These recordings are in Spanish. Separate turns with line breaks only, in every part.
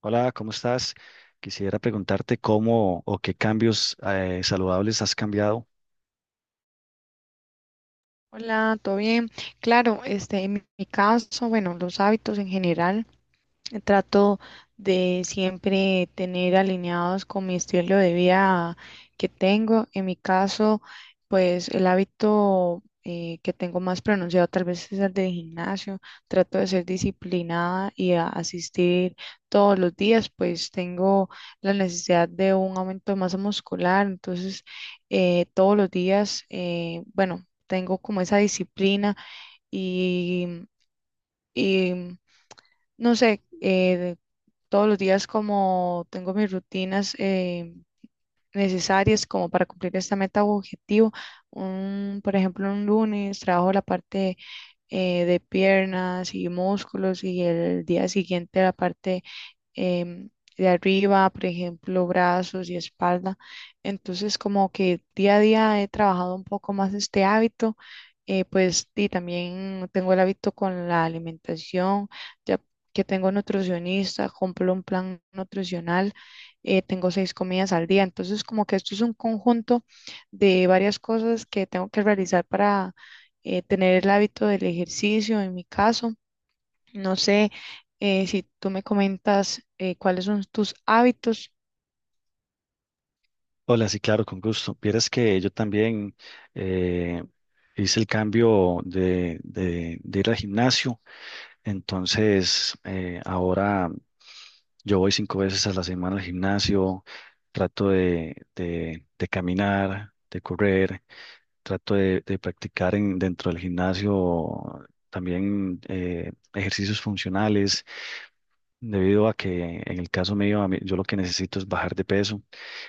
Hola, ¿cómo estás? Quisiera preguntarte cómo o qué cambios saludables has cambiado.
Hola, ¿todo bien? Claro, en mi caso, bueno, los hábitos en general. Trato de siempre tener alineados con mi estilo de vida que tengo. En mi caso, pues el hábito que tengo más pronunciado tal vez es el del gimnasio. Trato de ser disciplinada y asistir todos los días, pues tengo la necesidad de un aumento de masa muscular. Entonces, todos los días, bueno, tengo como esa disciplina y... y no sé, todos los días como tengo mis rutinas necesarias como para cumplir esta meta u objetivo. Por ejemplo, un lunes trabajo la parte de piernas y músculos y el día siguiente la parte em, de arriba, por ejemplo, brazos y espalda. Entonces, como que día a día he trabajado un poco más este hábito. Pues y también tengo el hábito con la alimentación, ya que tengo nutricionista, compro un plan nutricional, tengo 6 comidas al día. Entonces, como que esto es un conjunto de varias cosas que tengo que realizar para tener el hábito del ejercicio en mi caso, no sé, si tú me comentas cuáles son tus hábitos.
Hola, sí, claro, con gusto. Vieras que yo también eh, hice el cambio de ir al gimnasio, entonces ahora yo voy 5 veces a la semana al gimnasio, trato de caminar, de correr, trato de practicar dentro del gimnasio también ejercicios funcionales debido a que en el caso mío, yo lo que necesito es bajar de peso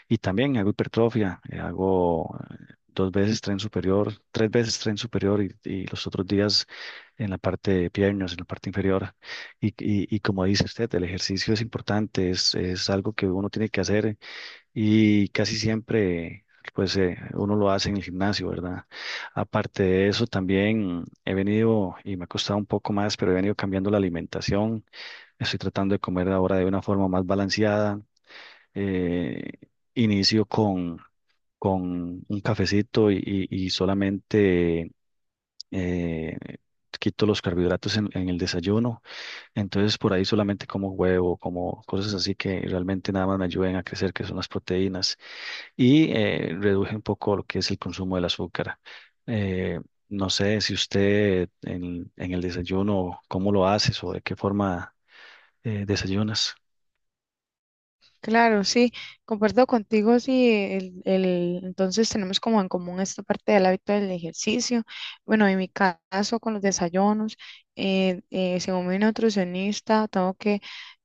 y también hago hipertrofia, hago 2 veces tren superior, 3 veces tren superior y los otros días en la parte de piernas, en la parte inferior. Y como dice usted, el ejercicio es importante, es algo que uno tiene que hacer y casi siempre, pues uno lo hace en el gimnasio, ¿verdad? Aparte de eso, también he venido, y me ha costado un poco más, pero he venido cambiando la alimentación. Estoy tratando de comer ahora de una forma más balanceada. Eh, inicio con un cafecito y solamente eh, quito los carbohidratos en el desayuno, entonces por ahí solamente como huevo, como cosas así que realmente nada más me ayuden a crecer, que son las proteínas, y reduje un poco lo que es el consumo del azúcar. Eh, no sé si usted en el desayuno, cómo lo haces o de qué forma desayunas.
Claro, sí, comparto contigo, sí, entonces tenemos como en común esta parte del hábito del ejercicio. Bueno, en mi caso con los desayunos, según mi nutricionista, tengo que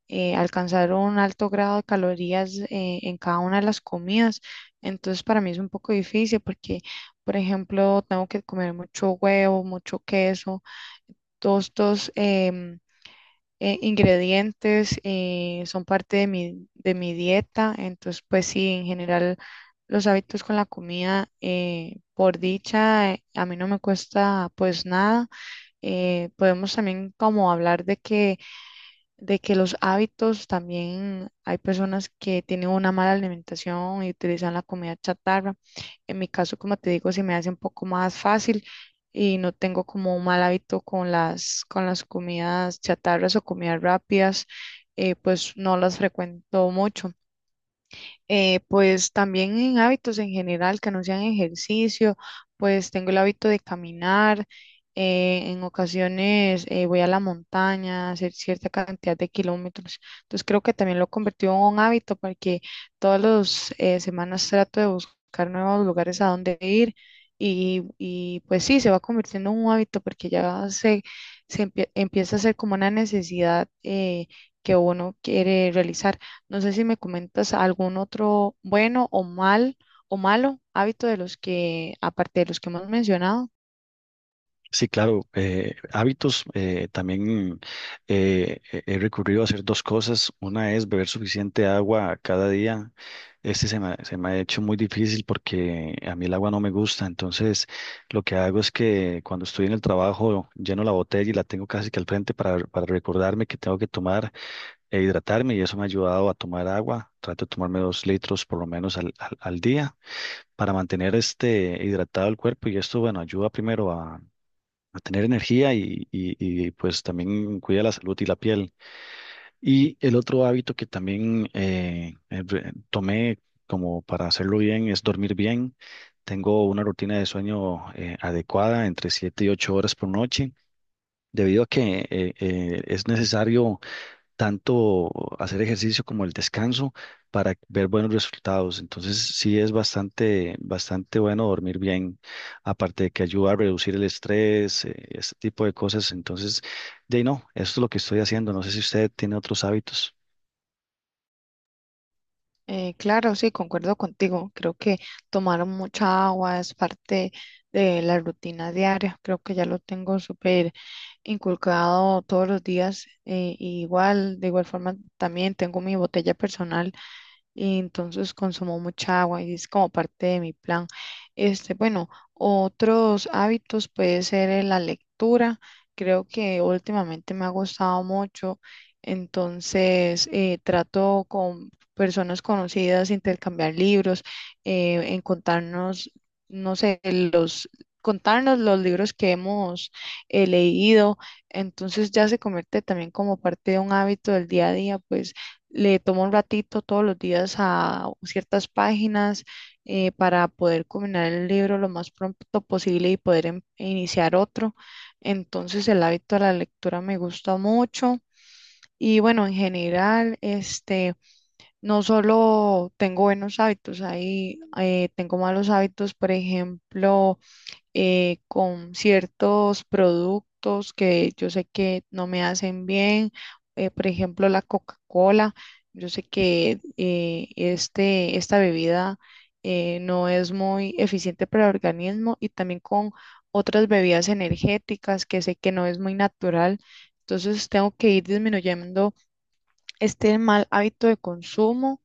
alcanzar un alto grado de calorías en cada una de las comidas. Entonces para mí es un poco difícil porque, por ejemplo, tengo que comer mucho huevo, mucho queso, tostos ingredientes, son parte de mi dieta, entonces pues sí, en general los hábitos con la comida, por dicha, a mí no me cuesta pues nada. Podemos también como hablar de que los hábitos también hay personas que tienen una mala alimentación y utilizan la comida chatarra. En mi caso, como te digo, se me hace un poco más fácil y no tengo como un mal hábito con las comidas chatarras o comidas rápidas, pues no las frecuento mucho. Pues también en hábitos en general que no sean ejercicio, pues tengo el hábito de caminar, en ocasiones voy a la montaña a hacer cierta cantidad de kilómetros. Entonces creo que también lo he convertido en un hábito porque todas las semanas trato de buscar nuevos lugares a donde ir y pues sí, se va convirtiendo en un hábito porque empieza a ser como una necesidad que uno quiere realizar. No sé si me comentas algún otro bueno o malo hábito de los que, aparte de los que hemos mencionado.
Sí, claro. Hábitos, también he recurrido a hacer dos cosas. Una es beber suficiente agua cada día. Se me ha hecho muy difícil porque a mí el agua no me gusta. Entonces, lo que hago es que cuando estoy en el trabajo, lleno la botella y la tengo casi que al frente para recordarme que tengo que tomar e hidratarme y eso me ha ayudado a tomar agua. Trato de tomarme 2 litros por lo menos al día para mantener este hidratado el cuerpo y esto, bueno, ayuda primero a tener energía y pues también cuida la salud y la piel. Y el otro hábito que también tomé como para hacerlo bien es dormir bien. Tengo una rutina de sueño adecuada entre 7 y 8 horas por noche, debido a que es necesario tanto hacer ejercicio como el descanso para ver buenos resultados. Entonces, sí es bastante, bastante bueno dormir bien, aparte de que ayuda a reducir el estrés, este tipo de cosas. Entonces, de ahí no, esto es lo que estoy haciendo. No sé si usted tiene otros hábitos.
Claro, sí, concuerdo contigo. Creo que tomar mucha agua es parte de la rutina diaria. Creo que ya lo tengo súper inculcado todos los días. Eh, y igual, de igual forma, también tengo mi botella personal y entonces consumo mucha agua y es como parte de mi plan. Este, bueno, otros hábitos puede ser la lectura. Creo que últimamente me ha gustado mucho, entonces trato con personas conocidas, intercambiar libros, en contarnos, no sé, los, contarnos los libros que hemos leído. Entonces ya se convierte también como parte de un hábito del día a día, pues le tomo un ratito todos los días a ciertas páginas para poder culminar el libro lo más pronto posible y poder iniciar otro. Entonces el hábito de la lectura me gusta mucho. Y bueno, en general, este, no solo tengo buenos hábitos, ahí tengo malos hábitos, por ejemplo, con ciertos productos que yo sé que no me hacen bien, por ejemplo la Coca-Cola, yo sé que esta bebida no es muy eficiente para el organismo y también con otras bebidas energéticas que sé que no es muy natural. Entonces tengo que ir disminuyendo este mal hábito de consumo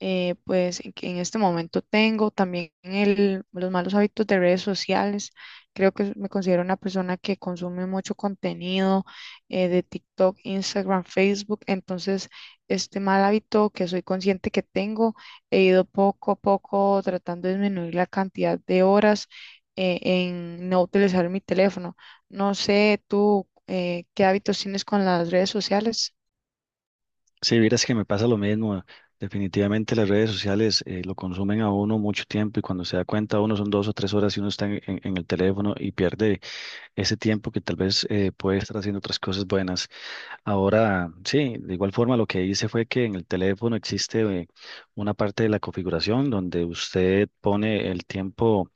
pues en que en este momento tengo también los malos hábitos de redes sociales. Creo que me considero una persona que consume mucho contenido de TikTok, Instagram, Facebook. Entonces, este mal hábito que soy consciente que tengo, he ido poco a poco tratando de disminuir la cantidad de horas en no utilizar mi teléfono. No sé tú qué hábitos tienes con las redes sociales.
Si vieras que me pasa lo mismo. Definitivamente las redes sociales lo consumen a uno mucho tiempo y cuando se da cuenta uno son 2 o 3 horas y uno está en el teléfono y pierde ese tiempo que tal vez puede estar haciendo otras cosas buenas. Ahora, sí, de igual forma lo que hice fue que en el teléfono existe una parte de la configuración donde usted pone el tiempo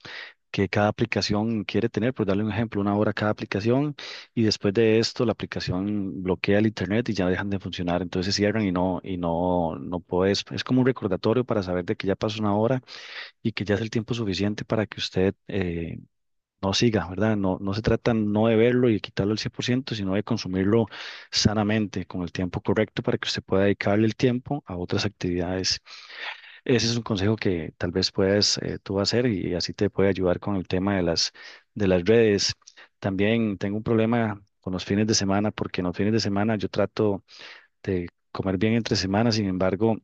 que cada aplicación quiere tener, por darle un ejemplo, 1 hora cada aplicación y después de esto la aplicación bloquea el internet y ya dejan de funcionar, entonces cierran y no puedes, es como un recordatorio para saber de que ya pasó 1 hora y que ya es el tiempo suficiente para que usted no siga, ¿verdad? No, no se trata no de verlo y de quitarlo al 100%, sino de consumirlo sanamente, con el tiempo correcto para que usted pueda dedicarle el tiempo a otras actividades. Ese es un consejo que tal vez puedas tú hacer y así te puede ayudar con el tema de las redes. También tengo un problema con los fines de semana, porque en los fines de semana yo trato de comer bien entre semanas, sin embargo,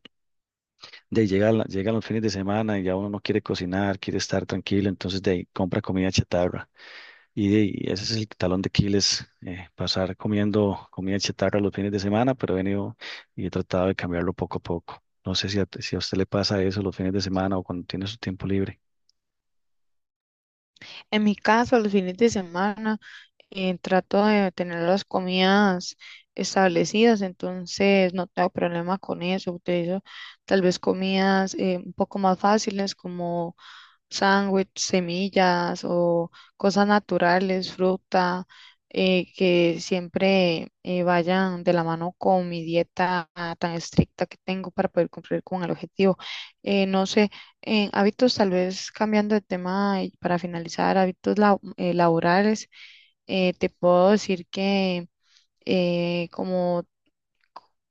de ahí llegan los fines de semana y ya uno no quiere cocinar, quiere estar tranquilo, entonces de ahí compra comida chatarra. Y ese es el talón de Aquiles, pasar comiendo comida chatarra los fines de semana, pero he venido y he tratado de cambiarlo poco a poco. No sé si a usted le pasa eso los fines de semana o cuando tiene su tiempo libre.
En mi caso, los fines de semana. Eh, trato de tener las comidas establecidas, entonces no tengo problema con eso. Utilizo tal vez comidas un poco más fáciles como sándwich, semillas o cosas naturales, fruta, que siempre vayan de la mano con mi dieta ah, tan estricta que tengo para poder cumplir con el objetivo. No sé, en hábitos tal vez cambiando de tema y para finalizar, hábitos laborales te puedo decir que como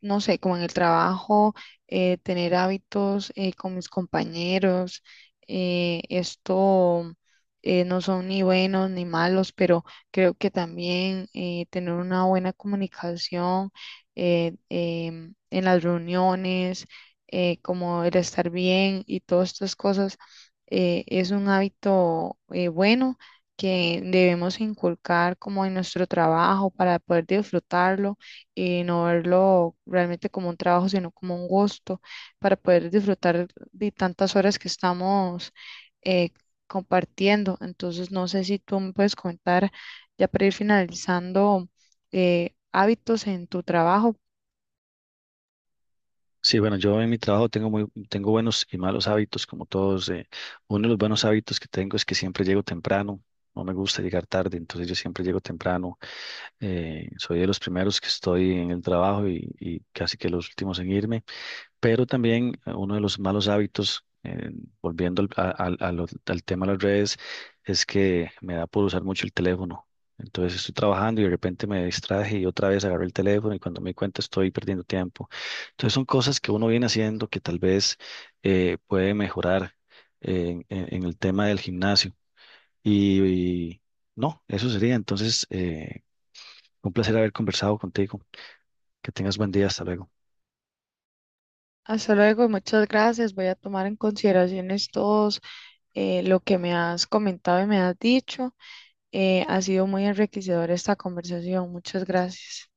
no sé, como en el trabajo, tener hábitos con mis compañeros, esto no son ni buenos ni malos, pero creo que también tener una buena comunicación eh, en las reuniones, como el estar bien y todas estas cosas, es un hábito bueno, que debemos inculcar como en nuestro trabajo para poder disfrutarlo y no verlo realmente como un trabajo, sino como un gusto para poder disfrutar de tantas horas que estamos eh, compartiendo. Entonces, no sé si tú me puedes comentar, ya para ir finalizando, hábitos en tu trabajo.
Sí, bueno, yo en mi trabajo tengo tengo buenos y malos hábitos, como todos. Uno de los buenos hábitos que tengo es que siempre llego temprano. No me gusta llegar tarde, entonces yo siempre llego temprano. Soy de los primeros que estoy en el trabajo y casi que los últimos en irme. Pero también uno de los malos hábitos, volviendo al tema de las redes, es que me da por usar mucho el teléfono. Entonces estoy trabajando y de repente me distraje y otra vez agarré el teléfono y cuando me di cuenta estoy perdiendo tiempo. Entonces son cosas que uno viene haciendo que tal vez puede mejorar en el tema del gimnasio. Y, y no, eso sería. Entonces, un placer haber conversado contigo. Que tengas buen día. Hasta luego.
Hasta luego, muchas gracias. Voy a tomar en consideración todos lo que me has comentado y me has dicho. Ha sido muy enriquecedora esta conversación. Muchas gracias.